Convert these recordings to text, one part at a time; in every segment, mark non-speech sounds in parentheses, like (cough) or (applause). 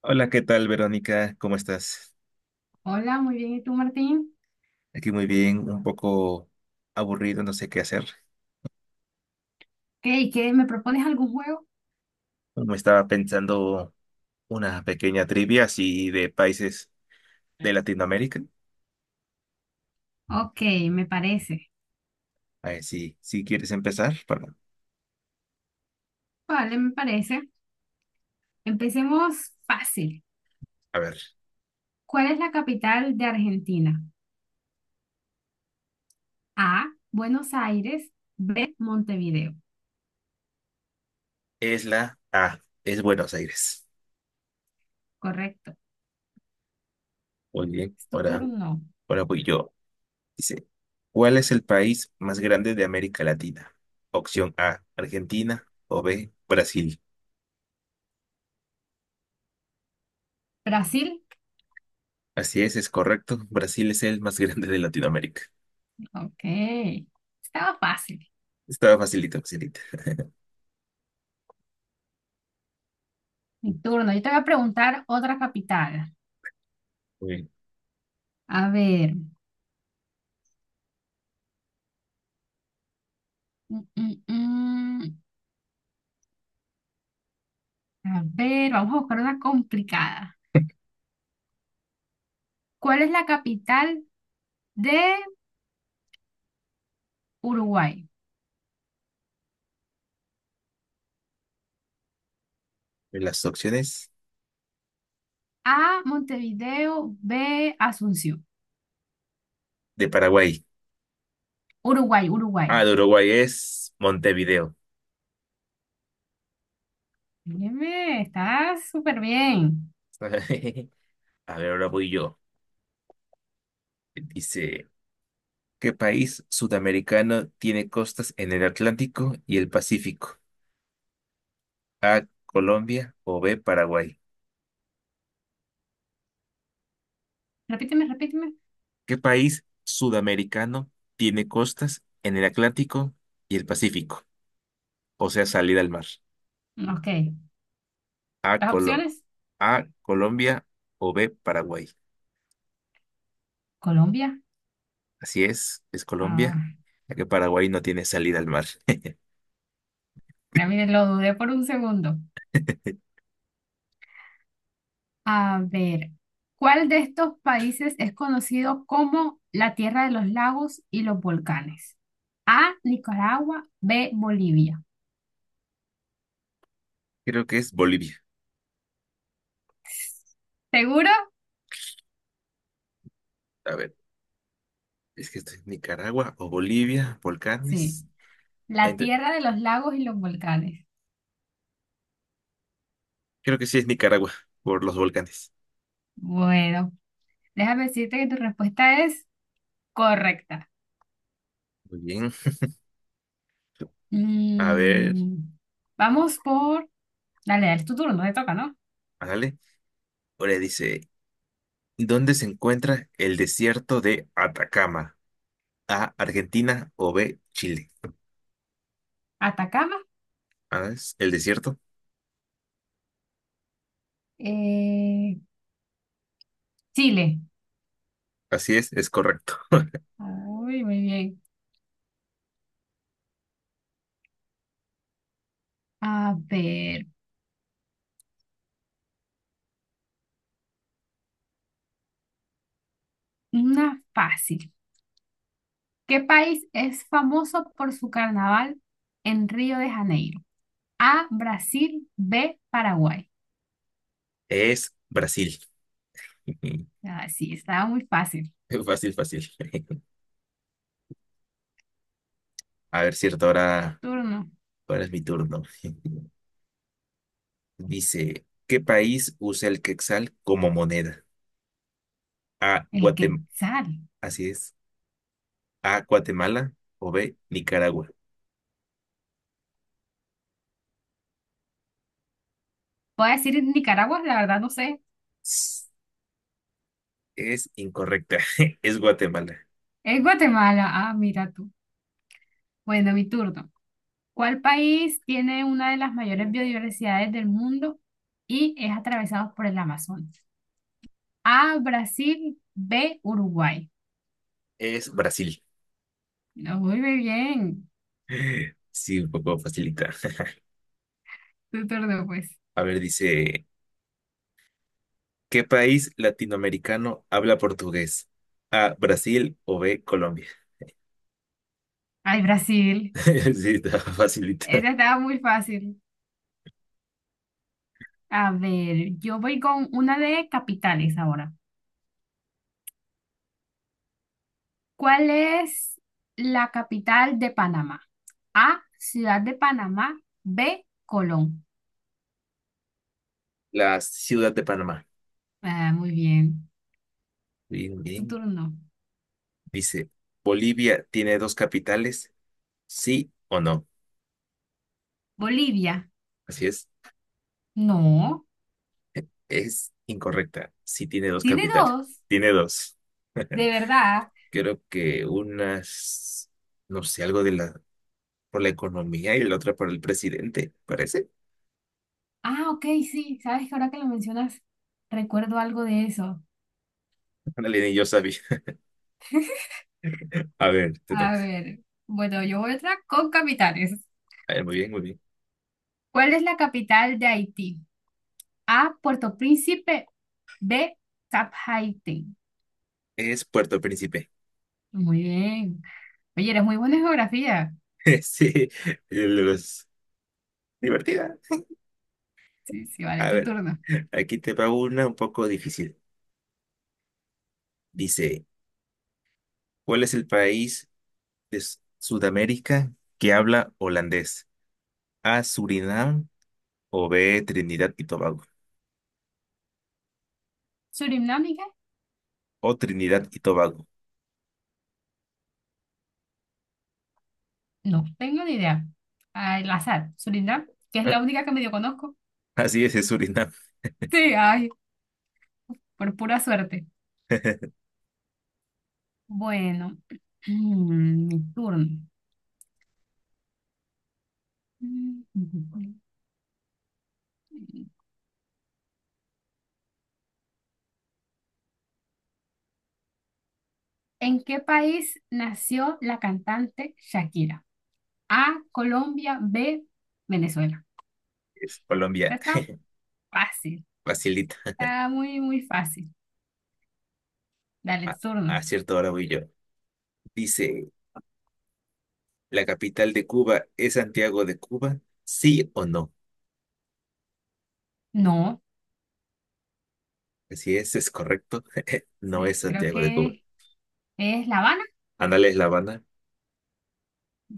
Hola, ¿qué tal, Verónica? ¿Cómo estás? Hola, muy bien. ¿Y tú, Martín? Aquí muy bien, un poco aburrido, no sé qué hacer. ¿Qué? ¿Y qué? ¿Qué me propones algún juego? Me estaba pensando una pequeña trivia así de países de Latinoamérica. Ok, me parece. A ver si quieres empezar. Vale, me parece. Empecemos fácil. A ver, ¿Cuál es la capital de Argentina? A, Buenos Aires. B, Montevideo. es la A, es Buenos Aires. Correcto. Muy bien, Es tu ahora, turno. ahora voy yo. Dice, ¿cuál es el país más grande de América Latina? Opción A, Argentina o B, Brasil. Brasil. Así es correcto. Brasil es el más (laughs) grande de Latinoamérica. Ok. Estaba fácil. Estaba facilita, facilita. Mi turno. Yo te voy a preguntar otra capital. Muy A ver. mm, mm, mm. A ver, vamos a buscar una complicada. ¿Cuál es la capital de Uruguay? De Las opciones A, Montevideo, B, Asunción. de Paraguay. Uruguay, Uruguay. Ah, de Uruguay es Montevideo. Óyeme, está súper bien. (laughs) A ver, ahora voy yo. Dice, ¿qué país sudamericano tiene costas en el Atlántico y el Pacífico? A, Colombia o B, Paraguay. Repíteme, repíteme. ¿Qué país sudamericano tiene costas en el Atlántico y el Pacífico? O sea, salida al mar. Ok. A, Las Colo- opciones. A, Colombia o B, Paraguay. Colombia. Así es Ah, Colombia, ya que Paraguay no tiene salida al mar. (laughs) ya miren, lo dudé por un segundo. A ver, ¿cuál de estos países es conocido como la tierra de los lagos y los volcanes? A, Nicaragua, B, Bolivia. Creo que es Bolivia. ¿Seguro? A ver, es que esto es Nicaragua o Bolivia, Sí. volcanes. La Entre- tierra de los lagos y los volcanes. creo que sí es Nicaragua, por los volcanes. Bueno, déjame decirte que tu respuesta es correcta. Muy bien. A ver, Mm, vamos por... Dale, dale, es tu turno, te toca, ¿no? dale. Ahora dice, ¿dónde se encuentra el desierto de Atacama? A, Argentina o B, Chile. Atacama, Ah, es el desierto. eh, Chile. Así es correcto. (laughs) Uy, muy bien. A ver, una fácil. ¿Qué país es famoso por su carnaval en Río de Janeiro? A, Brasil, B, Paraguay. Es Brasil. (laughs) Ah, sí, estaba muy fácil. Fácil, fácil. A ver, cierto, ahora, Turno. ahora es mi turno. (laughs) Dice, ¿qué país usa el quetzal como moneda? A, El Guatemala, quetzal. así es. A, Guatemala o B, Nicaragua. Puedo decir Nicaragua, la verdad no sé. S- Es incorrecta. (laughs) Es Guatemala. Es Guatemala. Ah, mira tú. Bueno, mi turno. ¿Cuál país tiene una de las mayores biodiversidades del mundo y es atravesado por el Amazonas? A, Brasil, B, Uruguay. Es Brasil. No, muy bien. (laughs) Sí, un poco facilita. Tu turno, pues. (laughs) A ver, dice, ¿qué país latinoamericano habla portugués? A, Brasil o B, Colombia. Ay, Brasil. (laughs) Sí, está facilita. Esa estaba muy fácil. A ver, yo voy con una de capitales ahora. ¿Cuál es la capital de Panamá? A, Ciudad de Panamá, B, Colón. La ciudad de Panamá. Ah, muy bien. Bien, Tu bien. turno. Dice, ¿Bolivia tiene dos capitales? ¿Sí o no? Bolivia. Así es. No. Es incorrecta. Sí tiene dos Tiene capitales. dos, Tiene dos. de verdad. (laughs) Creo que unas, no sé, algo de la, por la economía y la otra por el presidente, parece. Ah, ok, sí, sabes que ahora que lo mencionas, recuerdo algo de eso. Ándale, ni yo sabía. A ver, te A toca. ver, bueno, yo voy otra con capitales. A ver, muy bien, muy bien. ¿Cuál es la capital de Haití? A, Puerto Príncipe, B, Cap Haití. Es Puerto Príncipe. Muy bien. Oye, eres muy buena en geografía. (laughs) Sí, los... divertida. Sí, sí, vale, A tu ver, turno. aquí te va una un poco difícil. Dice, ¿cuál es el país de Sudamérica que habla holandés? A, Surinam o B, Trinidad y Tobago. ¿Surinam y qué? O Trinidad y Tobago. No, tengo ni idea. Al azar, Surinam, que es Ah, la única (laughs) que medio conozco. Así es Surinam, Sí, ay, por pura suerte. (laughs) Bueno, (clears throat) mi turno. Mm. ¿En qué país nació la cantante Shakira? A, Colombia, B, Venezuela. es Colombia. Esta Está fácil, Facilita. está muy, muy fácil. Dale A, turno. a cierta hora voy yo. Dice, ¿la capital de Cuba es Santiago de Cuba? ¿Sí o no? No, Así es correcto. (laughs) No es sí, creo Santiago de Cuba. que es La Habana. Ándale, es La Habana,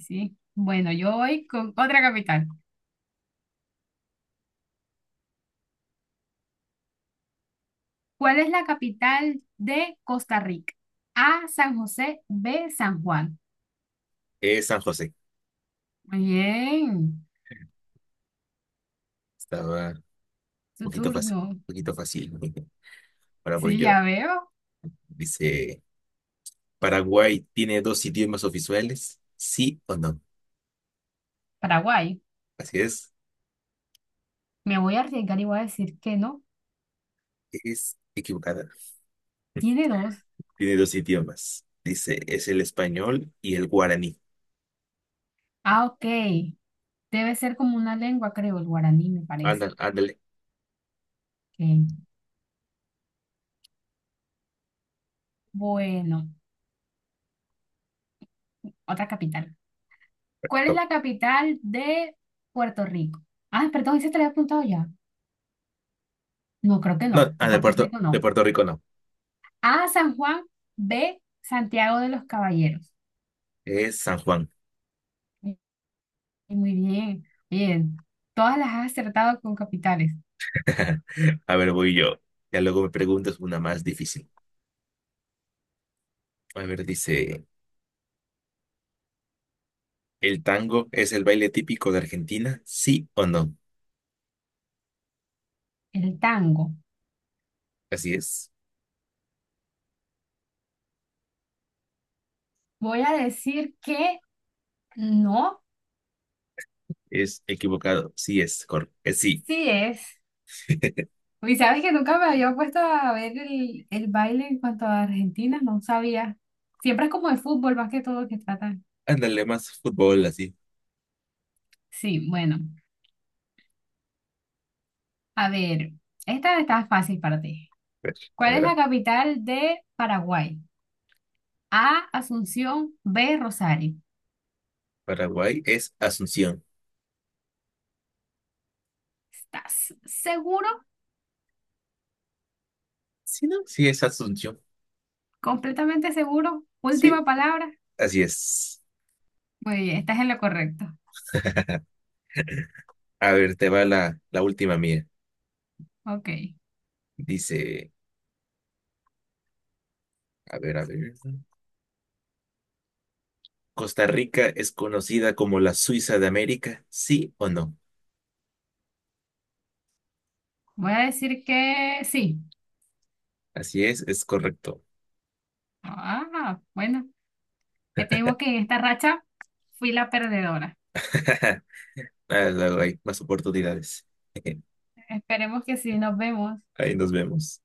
Sí. Bueno, yo voy con otra capital. ¿Cuál es la capital de Costa Rica? A, San José, B, San Juan. es San José. Muy bien, Estaba un tu poquito fácil, turno. un poquito fácil. (laughs) Ahora voy Sí, yo. ya veo. Dice, ¿Paraguay tiene dos idiomas oficiales? ¿Sí o no? Paraguay. Así Me voy a arriesgar y voy a decir que no. es equivocada. Tiene dos. Tiene dos idiomas. Dice, es el español y el guaraní. Ah, ok. Debe ser como una lengua, creo, el guaraní, me parece. Ándale, ándale. Ok. Bueno, otra capital. ¿Cuál es la capital de Puerto Rico? Ah, perdón, ese te lo había apuntado ya. No, creo que no. No, De ah, de Puerto Rico de no. Puerto Rico no. A, San Juan. B, Santiago de los Caballeros. Es San Juan. Eh, Muy bien, bien. Todas las has acertado con capitales. (laughs) A ver, voy yo. Ya luego me preguntas una más difícil. A ver, dice, ¿el tango es el baile típico de Argentina? ¿Sí o no? El tango. Así es. Voy a decir que no, Es equivocado. Sí es, correcto. Sí. sí es. (laughs) Y sabes que nunca me había puesto a ver el baile en cuanto a Argentina, no sabía. Siempre es como de fútbol más que todo que tratan. Ándale, más fútbol así. Sí, bueno, a ver, esta está fácil para ti. A ver, a ¿Cuál es ver, la ah, capital de Paraguay? A, Asunción, B, Rosario. Paraguay es Asunción. ¿Estás seguro? ¿Sí, no? Sí es Asunción. ¿Completamente seguro? Sí, Última palabra. así es. Muy bien, estás en lo correcto. A ver, te va la última mía. Ok, Dice, a ver, a ver. ¿Costa Rica es conocida como la Suiza de América? ¿Sí o no? voy a decir que sí. Así es correcto. Ah, bueno, te digo que en esta racha fui la perdedora. (laughs) Ah, luego hay más oportunidades. (laughs) Esperemos que sí, nos vemos. Ahí nos vemos.